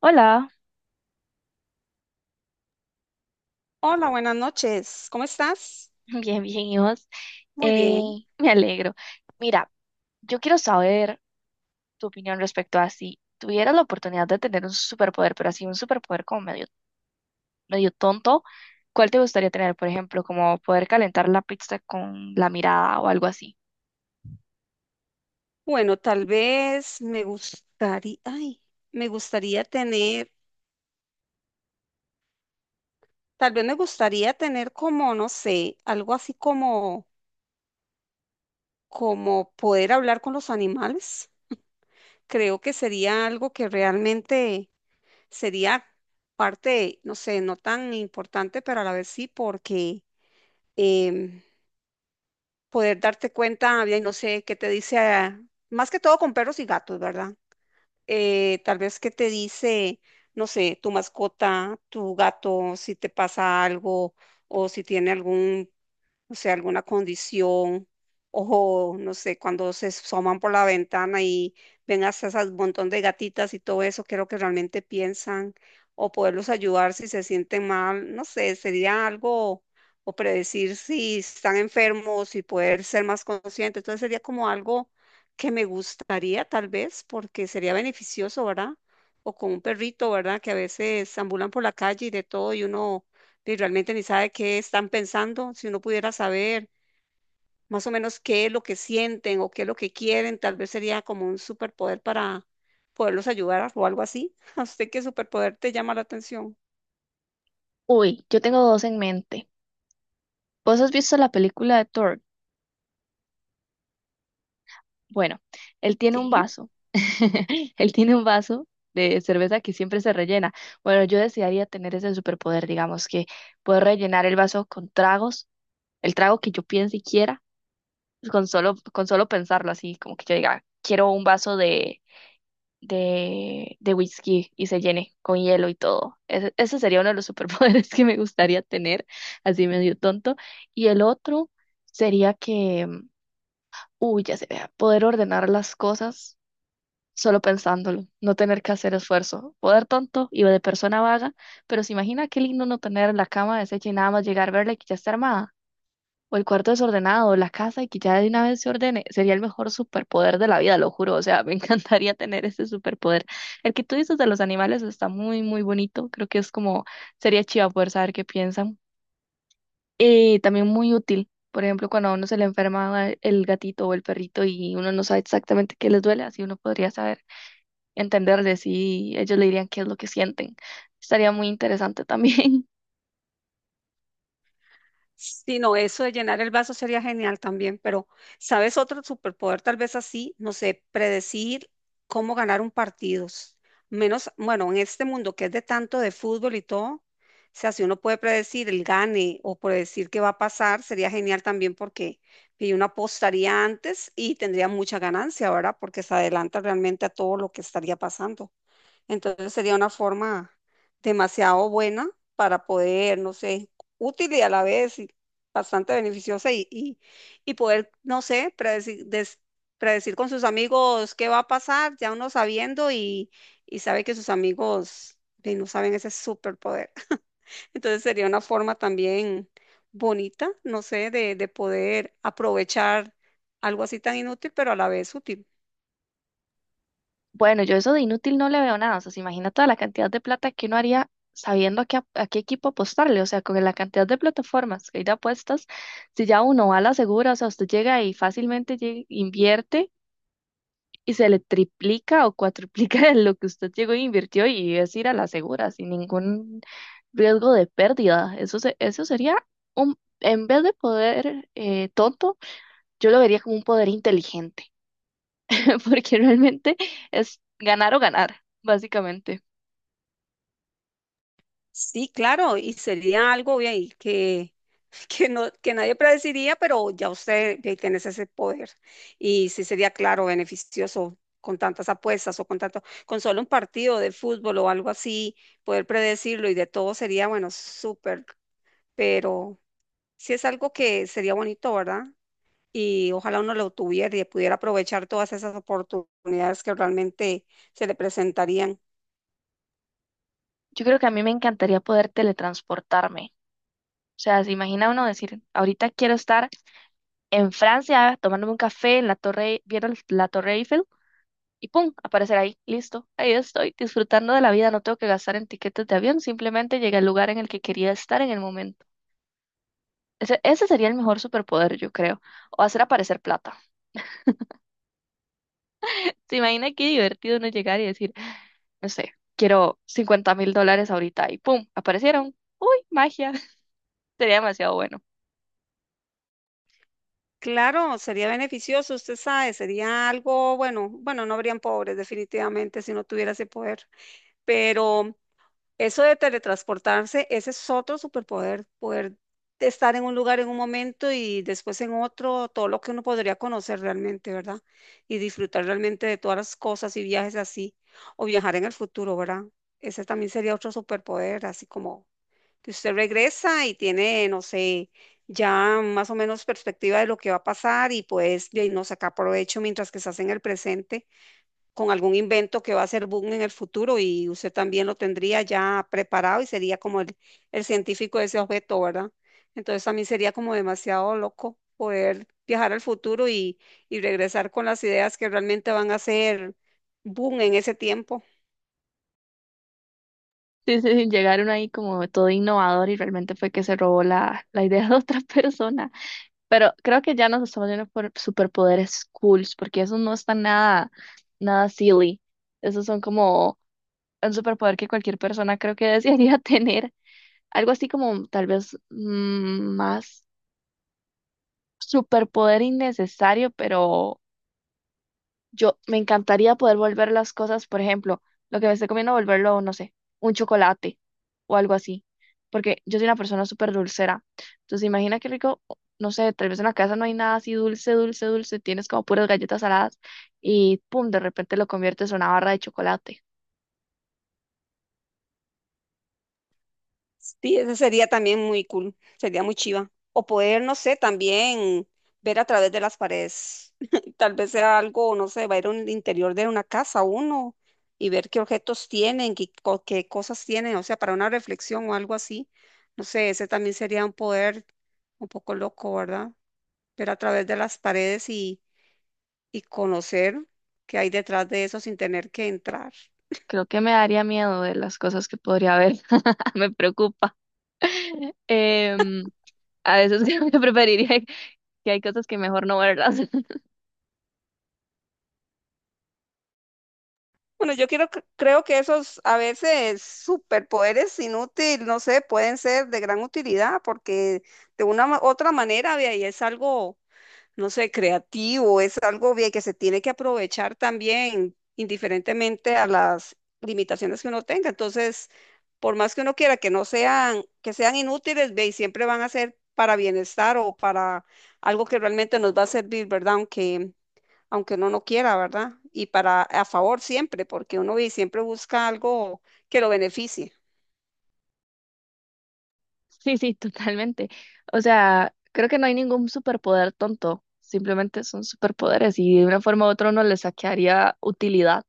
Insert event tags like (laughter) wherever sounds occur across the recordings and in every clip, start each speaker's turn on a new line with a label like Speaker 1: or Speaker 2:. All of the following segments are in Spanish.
Speaker 1: Hola.
Speaker 2: Hola, buenas noches. ¿Cómo estás?
Speaker 1: (laughs) Bien, bien, ¿y vos?
Speaker 2: Muy
Speaker 1: Eh,
Speaker 2: bien.
Speaker 1: Me alegro. Mira, yo quiero saber tu opinión respecto a si tuvieras la oportunidad de tener un superpoder, pero así un superpoder como medio, medio tonto, ¿cuál te gustaría tener? Por ejemplo, como poder calentar la pizza con la mirada o algo así.
Speaker 2: Bueno, tal vez me gustaría, ay, me gustaría tener, tal vez me gustaría tener como, no sé, algo así como, como poder hablar con los animales. Creo que sería algo que realmente sería parte, no sé, no tan importante, pero a la vez sí, porque em, poder darte cuenta, bien, no sé, qué te dice, ah, más que todo con perros y gatos, ¿verdad? Tal vez que te dice, no sé, tu mascota, tu gato, si te pasa algo o si tiene algún, no sé, alguna condición, o no sé, cuando se asoman por la ventana y ven hasta ese montón de gatitas y todo eso, qué es lo que realmente piensan, o poderlos ayudar si se sienten mal, no sé, sería algo, o predecir si están enfermos y poder ser más consciente. Entonces sería como algo que me gustaría tal vez, porque sería beneficioso, ¿verdad? O con un perrito, ¿verdad? Que a veces ambulan por la calle y de todo y uno y realmente ni sabe qué están pensando. Si uno pudiera saber más o menos qué es lo que sienten o qué es lo que quieren, tal vez sería como un superpoder para poderlos ayudar o algo así. (laughs) ¿A usted qué superpoder te llama la atención?
Speaker 1: Uy, yo tengo dos en mente. ¿Vos has visto la película de Thor? Bueno, él tiene un
Speaker 2: Sí.
Speaker 1: vaso. (laughs) Él tiene un vaso de cerveza que siempre se rellena. Bueno, yo desearía tener ese superpoder, digamos, que puedo rellenar el vaso con tragos, el trago que yo piense y quiera, pues, con solo pensarlo así, como que yo diga, quiero un vaso de whisky y se llene con hielo y todo. Ese sería uno de los superpoderes (laughs) que me gustaría tener, así medio tonto. Y el otro sería que, uy, ya se vea, poder ordenar las cosas solo pensándolo, no tener que hacer esfuerzo, poder tonto y de persona vaga, pero se imagina qué lindo no tener la cama deshecha y nada más llegar a verla y que ya está armada, o el cuarto desordenado, o la casa y que ya de una vez se ordene, sería el mejor superpoder de la vida, lo juro, o sea, (laughs) me encantaría tener ese superpoder. El que tú dices de los animales está muy, muy bonito, creo que es como, sería chiva poder saber qué piensan, y también muy útil. Por ejemplo, cuando a uno se le enferma el gatito o el perrito y uno no sabe exactamente qué les duele, así uno podría saber entenderles y ellos le dirían qué es lo que sienten. Estaría muy interesante también. (laughs)
Speaker 2: Sí, no, eso de llenar el vaso sería genial también, pero ¿sabes otro superpoder? Tal vez así, no sé, predecir cómo ganar un partido. Menos, bueno, en este mundo que es de tanto de fútbol y todo, o sea, si uno puede predecir el gane o predecir qué va a pasar, sería genial también porque y uno apostaría antes y tendría mucha ganancia, ¿verdad? Porque se adelanta realmente a todo lo que estaría pasando. Entonces sería una forma demasiado buena para poder, no sé, útil y a la vez y bastante beneficiosa y poder, no sé, predecir, predecir con sus amigos qué va a pasar, ya uno sabiendo y sabe que sus amigos no saben ese superpoder. (laughs) Entonces sería una forma también bonita, no sé, de poder aprovechar algo así tan inútil, pero a la vez útil.
Speaker 1: Bueno, yo eso de inútil no le veo nada. O sea, se imagina toda la cantidad de plata que uno haría sabiendo a qué, ap- a qué equipo apostarle. O sea, con la cantidad de plataformas que hay de apuestas, si ya uno va a la segura, o sea, usted llega y fácilmente lle- invierte y se le triplica o cuatriplica (laughs) lo que usted llegó e invirtió y es ir a la segura sin ningún riesgo de pérdida. Eso, se- eso sería un, en vez de poder tonto, yo lo vería como un poder inteligente, (laughs) porque realmente es ganar o ganar, básicamente.
Speaker 2: Sí, claro, y sería algo ve ahí que, (laughs) que, no, que nadie predeciría, pero ya usted ve, tenés ese poder. Y sí sería, claro, beneficioso con tantas apuestas o con tanto, con solo un partido de fútbol o algo así, poder predecirlo y de todo sería, bueno, súper, pero sí es algo que sería bonito, ¿verdad? Y ojalá uno lo tuviera y pudiera aprovechar todas esas oportunidades que realmente se le presentarían.
Speaker 1: Yo creo que a mí me encantaría poder teletransportarme. O sea, se imagina uno decir, ahorita quiero estar en Francia tomándome un café en la torre, vieron la Torre Eiffel y pum, aparecer ahí, listo, ahí estoy disfrutando de la vida, no tengo que gastar en tiquetes de avión, simplemente llegué al lugar en el que quería estar en el momento. Ese sería el mejor superpoder, yo creo, o hacer aparecer plata. ¿Se imagina qué divertido uno llegar y decir no sé, quiero $50,000 ahorita y ¡pum! aparecieron? ¡Uy, magia! (laughs) Sería demasiado bueno.
Speaker 2: Claro, sería beneficioso, usted sabe, sería algo, bueno, bueno, no habrían pobres definitivamente si no tuviera ese poder, pero eso de teletransportarse, ese es otro superpoder, poder estar en un lugar en un momento y después en otro, todo lo que uno podría conocer realmente, ¿verdad? Y disfrutar realmente de todas las cosas y viajes así, o viajar en el futuro, ¿verdad? Ese también sería otro superpoder, así como que usted regresa y tiene, no sé, ya más o menos perspectiva de lo que va a pasar y pues de ahí no saca provecho mientras que se hace en el presente con algún invento que va a ser boom en el futuro y usted también lo tendría ya preparado y sería como el científico de ese objeto, ¿verdad? Entonces también sería como demasiado loco poder viajar al futuro y regresar con las ideas que realmente van a ser boom en ese tiempo.
Speaker 1: Sí, sí, sí, llegaron ahí como todo innovador y realmente fue que se robó la idea (laughs) de otra persona. Pero creo que ya nos estamos yendo por superpoderes cools, porque esos no están nada, nada silly. Esos son como un superpoder que cualquier persona creo que desearía (laughs) tener. Algo así como tal vez más superpoder innecesario, pero yo me encantaría poder volver las cosas, por ejemplo, lo que me esté comiendo, volverlo, no sé, un chocolate o algo así. Porque yo soy una persona súper dulcera. Entonces, imagina qué rico, o- no sé, tal vez en la casa no hay nada así dulce, dulce, dulce. Tienes como puras galletas saladas y pum, de repente lo conviertes en una barra de chocolate.
Speaker 2: Sí, eso sería también muy cool, sería muy chiva. O poder, no sé, también ver a través de las paredes. (laughs) Tal vez sea algo, no sé, va a ir al interior de una casa uno y ver qué objetos tienen, qué, qué cosas tienen, o sea, para una reflexión o algo así. No sé, ese también sería un poder un poco loco, ¿verdad? Ver a través de las paredes y conocer qué hay detrás de eso sin tener que entrar.
Speaker 1: Creo que me daría miedo de las cosas que podría haber. (laughs) Me preocupa. (laughs) Em, a veces (laughs) creo que preferiría que hay cosas que mejor no verlas.
Speaker 2: Bueno, yo quiero, creo que esos a veces superpoderes inútiles, no sé, pueden ser de gran utilidad porque de una otra manera, vea, y es algo, no sé, creativo, es algo vea, que se tiene que aprovechar también, indiferentemente a las limitaciones que uno tenga. Entonces, por más que uno quiera que no sean, que sean inútiles, vea, y siempre van a ser para bienestar o para algo que realmente nos va a servir, ¿verdad? Aunque uno no quiera, ¿verdad? Y para a favor siempre, porque uno siempre busca algo que lo beneficie.
Speaker 1: Sí, sí, (laughs) totalmente. O sea, creo que no hay ningún superpoder tonto, simplemente son superpoderes y de una forma u otra uno le saquearía utilidad.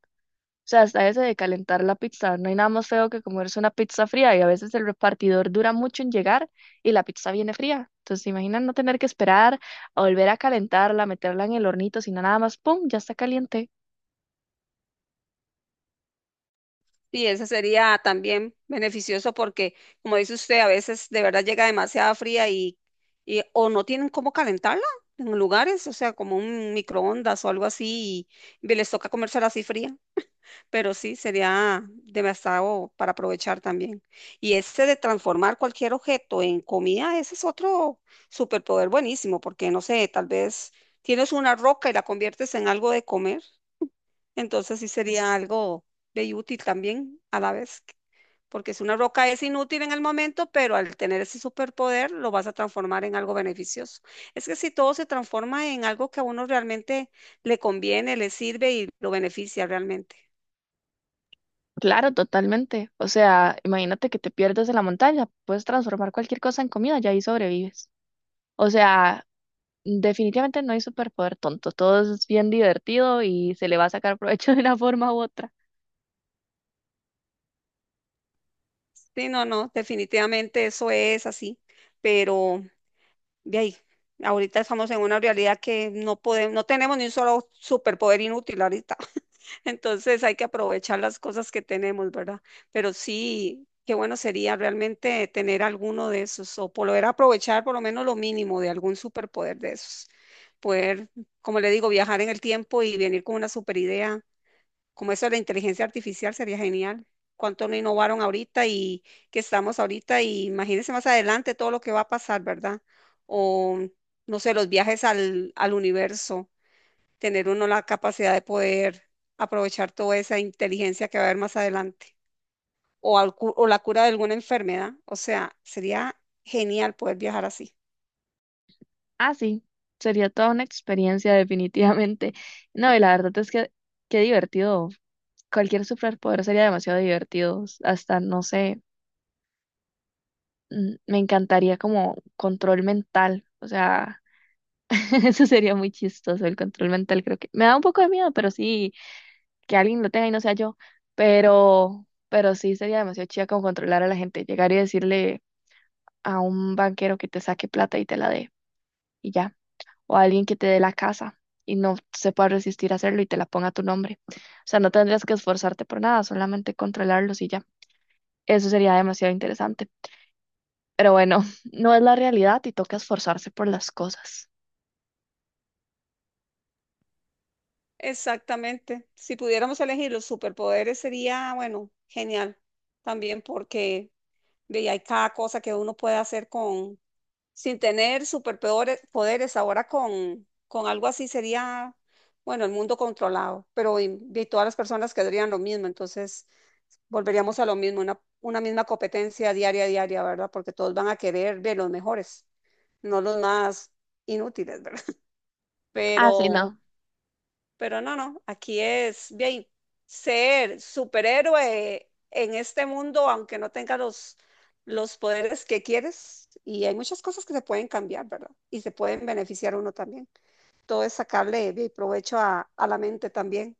Speaker 1: O sea, hasta ese de calentar la pizza, no hay nada más feo que comerse una pizza fría y a veces el repartidor dura mucho en llegar y la pizza viene fría. Entonces, imagina no tener que esperar a volver a calentarla, meterla en el hornito, sino nada más, ¡pum!, ya está caliente.
Speaker 2: Y ese sería también beneficioso porque, como dice usted, a veces de verdad llega demasiada fría y o no tienen cómo calentarla en lugares, o sea, como un microondas o algo así, y les toca comérsela así fría. Pero sí, sería demasiado para aprovechar también. Y ese de transformar cualquier objeto en comida, ese es otro superpoder buenísimo, porque no sé, tal vez tienes una roca y la conviertes en algo de comer, entonces sí sería algo de útil también a la vez, porque si una roca es inútil en el momento, pero al tener ese superpoder lo vas a transformar en algo beneficioso. Es que si todo se transforma en algo que a uno realmente le conviene, le sirve y lo beneficia realmente.
Speaker 1: Claro, totalmente. O sea, imagínate que te pierdes en la montaña, puedes transformar cualquier cosa en comida y ahí sobrevives. O sea, definitivamente no hay superpoder tonto, todo es bien divertido y se le va a sacar provecho (laughs) de una forma u otra.
Speaker 2: Sí, no, no, definitivamente eso es así, pero de ahí, ahorita estamos en una realidad que no podemos, no tenemos ni un solo superpoder inútil ahorita, (laughs) entonces hay que aprovechar las cosas que tenemos, ¿verdad? Pero sí, qué bueno sería realmente tener alguno de esos o poder aprovechar por lo menos lo mínimo de algún superpoder de esos, poder, como le digo, viajar en el tiempo y venir con una superidea como eso de la inteligencia artificial sería genial. Cuánto no innovaron ahorita y que estamos ahorita y imagínense más adelante todo lo que va a pasar, ¿verdad? O no sé, los viajes al universo, tener uno la capacidad de poder aprovechar toda esa inteligencia que va a haber más adelante o, o la cura de alguna enfermedad. O sea, sería genial poder viajar así.
Speaker 1: Ah, sí, sería toda una experiencia definitivamente. No, y la verdad es que qué divertido. Cualquier superpoder sería demasiado divertido. Hasta, no sé, me encantaría como control mental. O sea, (laughs) eso sería muy chistoso, el control mental creo que. Me da un poco de miedo, pero sí, que alguien lo tenga y no sea yo. Pero sí sería demasiado chida como controlar a la gente, llegar y decirle a un banquero que te saque plata y te la dé y ya, o a alguien que te dé la casa y no se pueda resistir a hacerlo y te la ponga a tu nombre. O sea, no tendrías que esforzarte por nada, solamente controlarlos y ya. Eso sería demasiado interesante. Pero bueno, (laughs) no es la realidad y toca esforzarse por las cosas.
Speaker 2: Exactamente. Si pudiéramos elegir los superpoderes sería, bueno, genial también porque ve, y hay cada cosa que uno puede hacer con, sin tener superpoderes, poderes, ahora con algo así sería, bueno, el mundo controlado, pero y todas las personas quedarían lo mismo, entonces volveríamos a lo mismo, una misma competencia diaria, diaria, ¿verdad? Porque todos van a querer ver los mejores, no los más inútiles, ¿verdad? (laughs)
Speaker 1: Ah, sí,
Speaker 2: Pero...
Speaker 1: no.
Speaker 2: Pero no, no, aquí es bien ser superhéroe en este mundo, aunque no tenga los poderes que quieres. Y hay muchas cosas que se pueden cambiar, ¿verdad? Y se pueden beneficiar uno también. Todo es sacarle bien, provecho a la mente también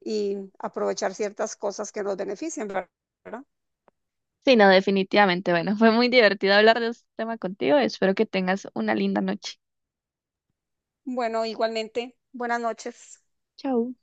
Speaker 2: y aprovechar ciertas cosas que nos benefician, ¿verdad?
Speaker 1: Sí, no, definitivamente. Bueno, (laughs) fue muy divertido hablar de este tema contigo. Espero que tengas una linda noche.
Speaker 2: Bueno, igualmente, buenas noches.
Speaker 1: Chao.